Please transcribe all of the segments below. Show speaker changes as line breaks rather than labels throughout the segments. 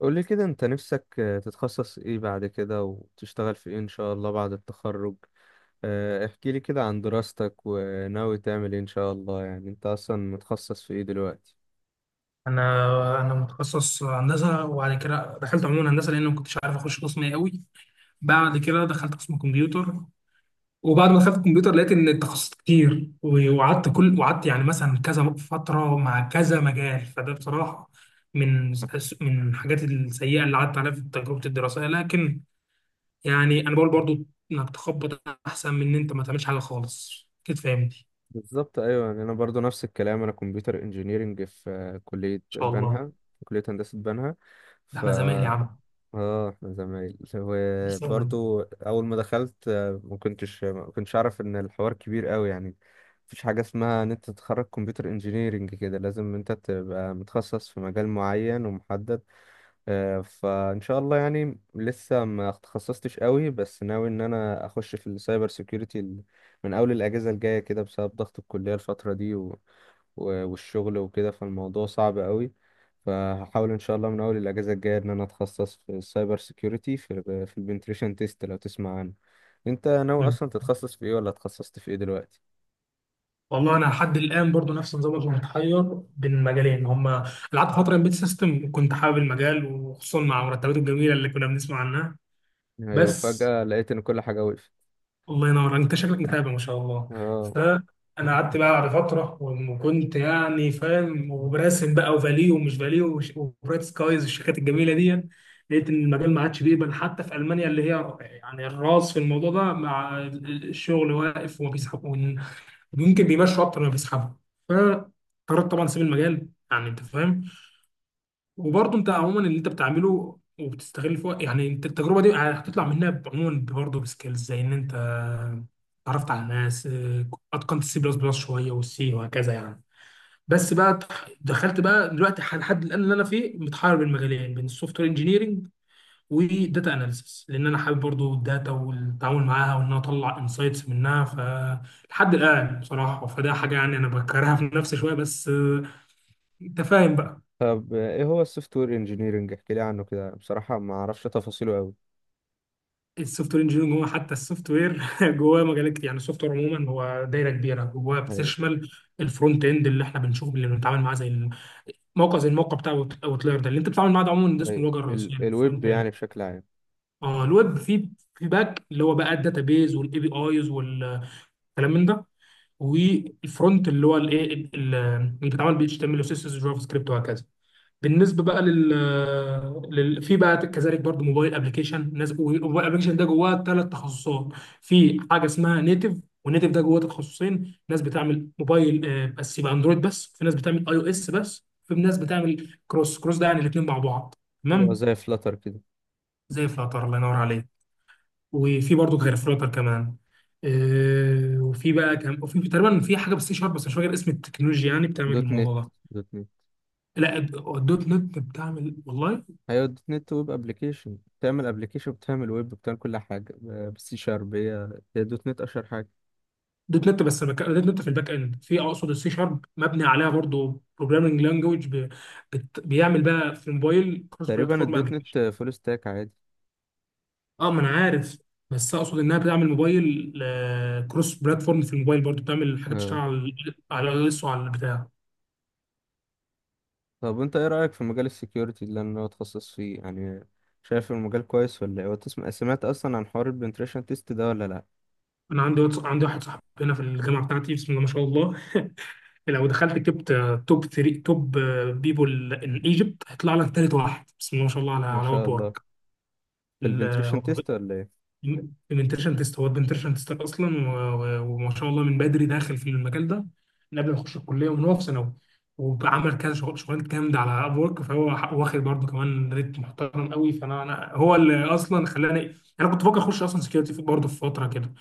قول لي كده انت نفسك تتخصص ايه بعد كده وتشتغل في ايه ان شاء الله بعد التخرج. احكي لي كده عن دراستك وناوي تعمل ايه ان شاء الله، يعني انت اصلا متخصص في ايه دلوقتي؟
انا متخصص هندسه، وبعد كده دخلت عموما هندسه لان ما كنتش عارف اخش قسم ايه قوي. بعد كده دخلت قسم كمبيوتر. وبعد ما دخلت الكمبيوتر لقيت ان التخصصات كتير، و- وقعدت كل وقعدت يعني مثلا كذا فتره مع كذا مجال. فده بصراحه من من الحاجات السيئه اللي قعدت عليها في تجربه الدراسيه. لكن يعني انا بقول برضو انك تخبط احسن من ان انت ما تعملش حاجه خالص كده، فاهمني. ان
بالظبط، ايوه، يعني انا برضو نفس الكلام، انا كمبيوتر انجينيرنج في كلية
شاء الله.
بنها، في كلية هندسة بنها.
ده
ف
احنا زمايل يا عم.
اه احنا زمايل
ان شاء الله.
وبرضو اول ما دخلت ما كنتش اعرف ان الحوار كبير قوي يعني. مفيش حاجه اسمها ان انت تتخرج كمبيوتر انجينيرينج كده لازم انت تبقى متخصص في مجال معين ومحدد. فان شاء الله يعني لسه ما تخصصتش قوي، بس ناوي ان انا اخش في السايبر سيكيورتي من اول الاجازه الجايه كده بسبب ضغط الكليه الفتره دي والشغل وكده، فالموضوع صعب قوي. فهحاول ان شاء الله من اول الاجازه الجايه ان انا اتخصص في السايبر سيكيورتي في في البنتريشن تيست، لو تسمع عنه. انت ناوي اصلا تتخصص في ايه ولا اتخصصت في ايه دلوقتي؟
والله انا لحد الان برضو نفس نظامك، انا متحير بين المجالين. هما قعدت فتره امبيد سيستم، كنت حابب المجال وخصوصا مع مرتباته الجميله اللي كنا بنسمع عنها.
ايوه،
بس
فجاه لقيت ان كل حاجه وقفت.
الله ينور، انت شكلك متابع ما شاء الله.
اه.
فانا قعدت بقى بعد فتره وكنت يعني فاهم وبراسم بقى، وفاليو ومش فاليو، وبرايت سكايز، والشركات الجميله دي. لقيت ان المجال ما عادش بيقبل، حتى في المانيا اللي هي يعني الراس في الموضوع ده، مع الشغل واقف وما بيسحبوا، ممكن بيمشوا اكتر ما بيسحبوا. فقررت طبعا اسيب المجال، يعني انت فاهم. وبرضه انت عموما اللي انت بتعمله وبتستغل فيه، يعني انت التجربه دي هتطلع منها عموما برضه بسكيلز، زي ان انت اتعرفت على ناس، اتقنت السي بلس بلس شويه والسي وهكذا يعني. بس بقى دخلت بقى دلوقتي لحد الان اللي انا فيه متحير بين مجالين، بين السوفت وير انجينيرنج وداتا اناليسيس، لان انا حابب برضو الداتا والتعامل معاها وان انا اطلع انسايتس منها. فلحد الان بصراحه فده حاجه يعني انا بكرهها في نفسي شويه، بس انت فاهم بقى.
طب ايه هو السوفت وير انجينيرنج؟ احكي لي عنه كده، بصراحه ما اعرفش تفاصيله قوي.
السوفت وير انجينيرنج هو حتى السوفت وير جواه مجالات كتير. يعني السوفت وير عموما هو دايره كبيره جواه
ايوه.
بتشمل الفرونت اند اللي احنا بنشوفه، اللي بنتعامل معاه، زي الموقع بتاع اوتلاير ده اللي انت بتتعامل معاه. ده عموما ده اسمه
ايوه،
الواجهه الرئيسيه،
ال الويب
الفرونت
يعني
اند.
بشكل عام.
اه، الويب، في باك اللي هو بقى الداتا بيز والاي بي ايز والكلام من ده. والفرونت اللي هو اللي بيتعمل بي اتش تي ام ال وسي اس جافا سكريبت وهكذا. بالنسبه بقى لل, لل... في بقى كذلك برضو موبايل ابلكيشن ناس، والموبايل ابلكيشن ده جواه ثلاث تخصصات. في حاجه اسمها نيتف، والنيتف ده جواه تخصصين، ناس بتعمل موبايل بس يبقى اندرويد بس، في ناس بتعمل اي او اس بس، في ناس بتعمل كروس ده يعني الاثنين مع بعض،
اللي هو
تمام.
زي فلاتر كده.
زي الفلاتر، الله ينور عليك. وفي برضه غير فلوتر كمان. وفي بقى كم وفي تقريبا في حاجه بالسي شارب، بس مش فاكر اسم التكنولوجيا يعني بتعمل
دوت
الموضوع
نت،
ده.
دوت نت.
لا، الدوت نت بتعمل والله.
ايوه، دوت نت ويب ابلكيشن، بتعمل ابلكيشن، بتعمل ويب، بتعمل كل حاجه بالسي شارب، هي هي دوت نت اشهر حاجه.
دوت نت، دوت نت في الباك اند، اقصد السي شارب مبني عليها برضه بروجرامنج لانجوج. بيعمل بقى في موبايل كروس
تقريبا
بلاتفورم
الدوت نت
ابلكيشن.
فول ستاك عادي.
اه، ما انا عارف، بس اقصد انها بتعمل موبايل كروس بلاتفورم. في الموبايل برضه بتعمل حاجات تشتغل
اه.
على الاس وعلى البتاع.
طب انت ايه رايك في مجال السكيورتي اللي انا اتخصص فيه يعني؟ شايف المجال كويس ولا ايه؟ سمعت اصلا عن حوار البنتريشن تيست ده ولا لا؟
انا عندي واحد صاحبي هنا في الجامعه بتاعتي، بسم الله ما شاء الله. لو دخلت كتبت توب 3 توب بيبول ان ايجيبت هيطلع لك ثالث واحد، بسم الله ما شاء الله، على
ما
على
شاء
واب
الله. في البنتريشن
وورك.
تيست ولا ايه؟
بنتريشن تيست، هو بنتريشن تيست اصلا، و- و- وما شاء الله من بدري داخل في المجال ده، من قبل ما يخش الكليه ومن هو في ثانوي. وعمل كذا شغلانات جامده على اب ورك. فهو واخد برضه كمان ريت محترم قوي. فانا هو اللي اصلا خلاني، انا كنت بفكر اخش اصلا سكيورتي برضه في فتره كده.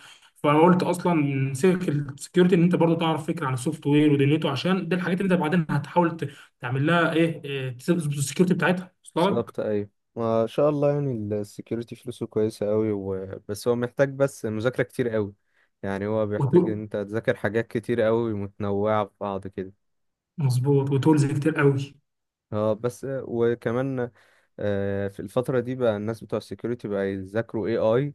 فقلت اصلا من سكه السكيورتي ان انت برضه تعرف فكره عن السوفت وير ودنيته، عشان دي الحاجات اللي انت بعدين هتحاول تعمل لها ايه، تظبط السكيورتي بتاعتها. وصلت لك.
بالظبط، ايوه. ما شاء الله يعني. السكيورتي فلوسه كويسه قوي، بس هو محتاج بس مذاكره كتير قوي، يعني هو بيحتاج
وتو-
ان انت تذاكر حاجات كتير قوي متنوعه في بعض كده.
مظبوط، وتولز كتير قوي.
اه، بس وكمان في الفترة دي بقى الناس بتوع السكيورتي بقى يذاكروا اي اي،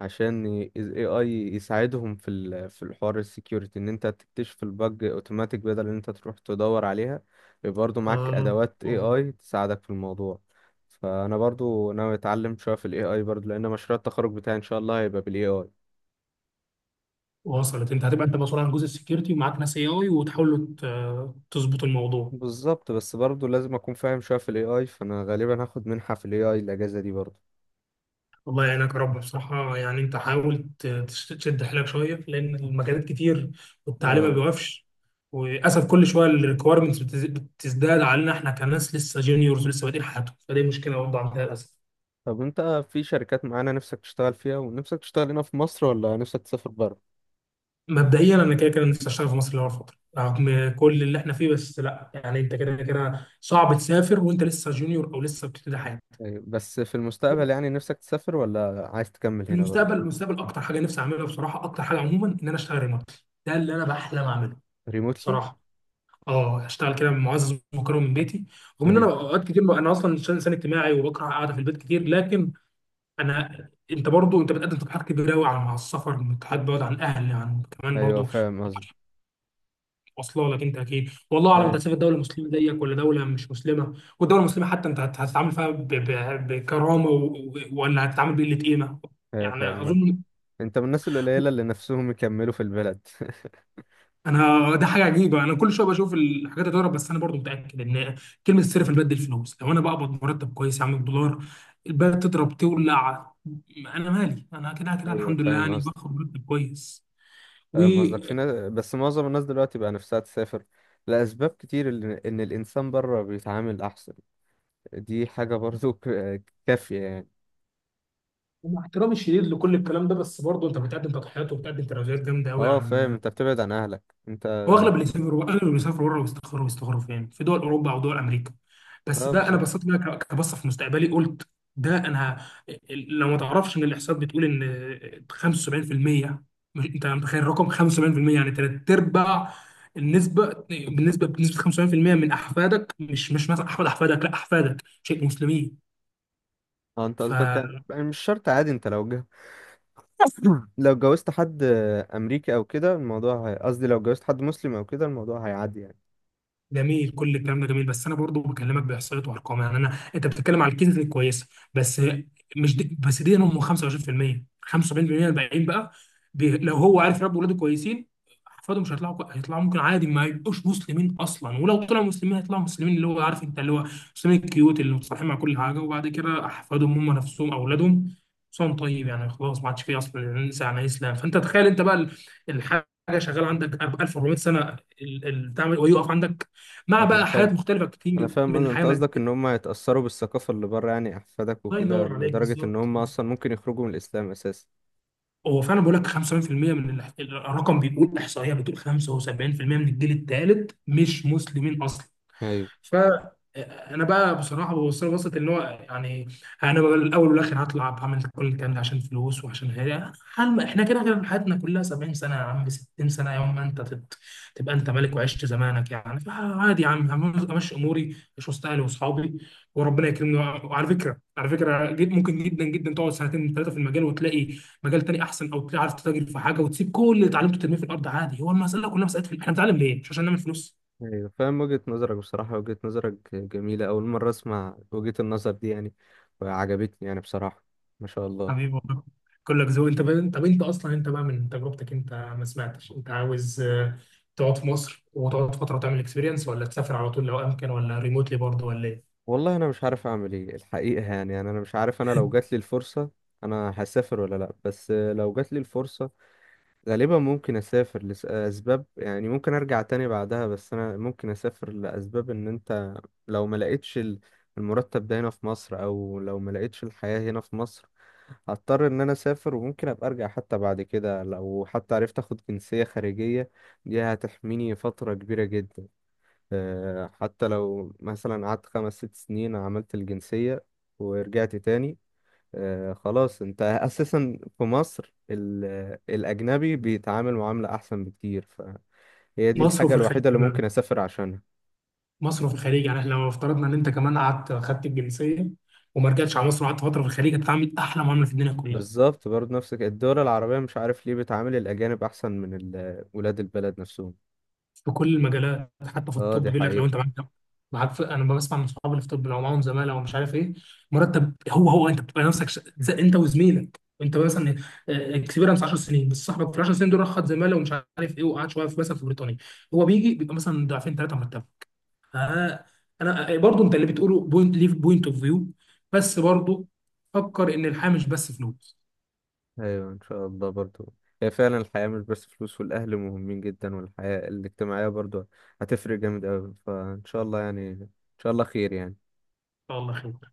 عشان ال AI يساعدهم في في الحوار السكيورتي، ان انت تكتشف البج اوتوماتيك بدل ان انت تروح تدور عليها، يبقى برضو معاك
آه
ادوات AI تساعدك في الموضوع. فانا برضو ناوي اتعلم شوية في الاي اي برضو، لان مشروع التخرج بتاعي ان شاء الله هيبقى بالاي اي.
وصلت، انت هتبقى انت مسؤول عن جزء السكيورتي ومعاك ناس اي اي وتحاولوا تظبطوا الموضوع.
بالظبط، بس برضو لازم اكون فاهم شوية في الاي اي، فانا غالبا هاخد منحة في الاي اي الاجازة دي برضو.
الله يعينك يا رب. بصراحة يعني انت حاول تشد حيلك شوية، لأن المجالات كتير والتعليم ما
اه.
بيوقفش. وللأسف كل شوية الريكويرمنتس بتزداد علينا، احنا كناس لسه جونيورز ولسه بادئين حياتهم، فدي مشكلة برضه عندنا للأسف.
طب انت في شركات معانا نفسك تشتغل فيها؟ ونفسك تشتغل هنا في مصر ولا نفسك تسافر بره؟
مبدئيا أنا كده كده نفسي أشتغل في مصر لأول فترة، رغم كل اللي احنا فيه، بس لا يعني انت كده كده صعب تسافر وانت لسه جونيور أو لسه بتبتدي حياتك.
ايوه، بس في المستقبل يعني نفسك تسافر ولا عايز تكمل
في
هنا
المستقبل
برضه؟
المستقبل اكتر حاجه نفسي اعملها بصراحه، اكتر حاجه عموما، ان انا اشتغل ريموتلي. ده اللي انا بحلم اعمله
ريموتلي؟
بصراحه. اه، اشتغل كده معزز ومكرم من بيتي، رغم ان انا
ايوه.
اوقات كتير انا اصلا إنسان اجتماعي وبكره قاعده في البيت كتير. لكن انت برضو انت بتقدم تقترحات كبيره قوي مع السفر، تقترحات بعد عن الاهل، عن كمان
ايوه
برضو.
فاهم قصدي.
واصله لك انت اكيد. والله اعلم انت
ايوه.
هتسافر دوله مسلمه زيك ولا دوله مش مسلمه، والدوله المسلمه حتى انت هتتعامل فيها بكرامه، ولا هتتعامل بقله قيمه،
ايوه
يعني
فاهم.
اظن.
انت من الناس القليله اللي نفسهم يكملوا في البلد.
انا ده حاجه عجيبه، انا كل شويه بشوف الحاجات تضرب، بس انا برضو متاكد ان كلمه السر في الباد دي الفلوس. لو انا بقبض مرتب كويس يا عم بدولار، الباد تضرب تولع، انا مالي، انا كده كده
ايوه
الحمد لله
فاهم
يعني
قصدك.
باخد مرتب كويس. و-
فاهم قصدك، في ناس، بس معظم الناس دلوقتي بقى نفسها تسافر لاسباب كتير، ان الانسان بره بيتعامل احسن، دي حاجه برضه كافيه يعني.
ومع احترامي الشديد لكل الكلام ده، بس برضه انت بتقدم تضحيات وبتقدم تراجعات جامده قوي
اه فاهم،
عن...
انت بتبعد عن اهلك. انت
هو
اه.
اغلب اللي بيسافروا بره بيستقروا فين؟ في دول اوروبا او دول امريكا. بس ده انا
بالظبط.
بصيت بقى كبصه في مستقبلي، قلت ده انا. لو ما تعرفش، ان الاحصاءات بتقول ان 75%، انت متخيل الرقم 75% يعني ثلاث ارباع النسبه بالنسبه بنسبه 75% من احفادك مش مثلا احفاد احفادك، لا احفادك، شيء مسلمين.
اه انت
ف
قصدك يعني، يعني مش شرط عادي، انت لو جه لو جوزت حد امريكي او كده الموضوع قصدي لو جوزت حد مسلم او كده الموضوع هيعدي يعني.
جميل، كل الكلام ده جميل، بس انا برضو بكلمك باحصائيات وارقام. يعني انت بتتكلم على الكنز الكويسه، بس مش دي بس. دي هم 25%، 75% الباقيين بقى، لو هو عارف يربي ولاده كويسين احفاده مش هيطلعوا، ممكن عادي ما يبقوش مسلمين اصلا، ولو طلعوا مسلمين هيطلعوا مسلمين اللي هو عارف انت اللي هو مسلمين الكيوت اللي متصالحين مع كل حاجه، وبعد كده احفادهم هم نفسهم اولادهم صوم طيب يعني خلاص ما عادش فيه اصلا، ننسى عن الاسلام. فانت تخيل انت بقى الحاجه شغاله عندك 1400 سنه، بتاع ويقف عندك، مع
انا
بقى حاجات
فاهم،
مختلفه
انا
كتير
فاهم،
من حياه
انت قصدك ان
ماديه.
هم يتأثروا بالثقافة اللي بره، يعني احفادك
الله
وكده،
ينور عليك،
لدرجة ان
بالظبط
هم
بالظبط.
اصلا ممكن يخرجوا من الاسلام اساسا.
هو فعلا بقول لك 75% من الرقم بيقول، احصائيه بتقول 75% من الجيل الثالث مش مسلمين اصلا.
ايوه.
فانا بقى بصراحه ببص له، بصت ان هو يعني انا بقى الاول والاخر هطلع بعمل كل الكلام ده عشان فلوس، وعشان غيري حلم. احنا كده كده حياتنا كلها 70 سنه يا عم، 60 سنه، يوم ما انت تبقى انت ملك وعشت زمانك يعني. فعادي يا عم، امشي اموري، اشوف اهلي واصحابي، وربنا يكرمني. وعلى فكره جد، ممكن جدا جدا تقعد سنتين ثلاثه في المجال وتلاقي مجال تاني احسن، او تلاقي عارف تتاجر في حاجه وتسيب كل اللي اتعلمته ترميه في الارض عادي. هو المساله كلها مساله احنا بنتعلم ليه؟ مش عشان نعمل فلوس.
ايوه فاهم وجهة نظرك، بصراحة وجهة نظرك جميلة، اول مرة اسمع وجهة النظر دي يعني، وعجبتني يعني بصراحة. ما شاء الله.
حبيبي والله، كلك ذوق. انت بقى، طب انت اصلا انت بقى من تجربتك انت، ما سمعتش انت عاوز تقعد في مصر وتقعد فتره وتعمل اكسبيرينس، ولا تسافر على طول لو امكن، ولا ريموتلي برضه، ولا ايه؟
والله انا مش عارف اعمل ايه الحقيقه يعني، يعني انا مش عارف انا لو جات لي الفرصه انا هسافر ولا لا، بس لو جات لي الفرصه غالبا ممكن اسافر لاسباب، يعني ممكن ارجع تاني بعدها، بس انا ممكن اسافر لاسباب ان انت لو ما لقيتش المرتب ده هنا في مصر، او لو ما لقيتش الحياه هنا في مصر هضطر ان انا اسافر، وممكن ابقى ارجع حتى بعد كده لو حتى عرفت اخد جنسيه خارجيه، دي هتحميني فتره كبيره جدا. حتى لو مثلا قعدت 5 أو 6 سنين عملت الجنسية ورجعت تاني، خلاص انت اساسا في مصر الاجنبي بيتعامل معاملة احسن بكتير، فهي دي
مصر
الحاجة
وفي الخليج
الوحيدة اللي
كمان
ممكن اسافر عشانها.
مصر وفي الخليج يعني احنا لو افترضنا ان انت كمان قعدت خدت الجنسيه وما رجعتش على مصر وقعدت فتره في الخليج، هتتعامل احلى معامله في الدنيا كلها.
بالظبط، برضه نفسك الدول العربية مش عارف ليه بتعامل الاجانب احسن من ولاد البلد نفسهم.
في كل المجالات حتى في
اه
الطب،
دي
بيقول لك لو
حقيقة.
انت معاك انا بسمع من صحابي اللي في الطب، لو معاهم زماله ومش عارف ايه مرتب، هو انت بتبقى نفسك زي انت وزميلك، انت مثلا اكسبيرنس 10 سنين، بس صاحبك في 10 سنين دول راح خد زماله ومش عارف ايه، وقعد شويه في مثلا في بريطانيا، هو بيجي بيبقى مثلا ضعفين ثلاثه مرتبه. آه، انا برضو، انت اللي بتقوله بوينت، ليه بوينت اوف فيو؟ بس برضو فكر ان الحياه مش بس فلوس.
ايوه ان شاء الله برضو، هي فعلا الحياة مش بس فلوس، والاهل مهمين جدا والحياة الاجتماعية برضو هتفرق جامد اوي، فان شاء الله يعني، ان شاء الله خير يعني.
الله خير.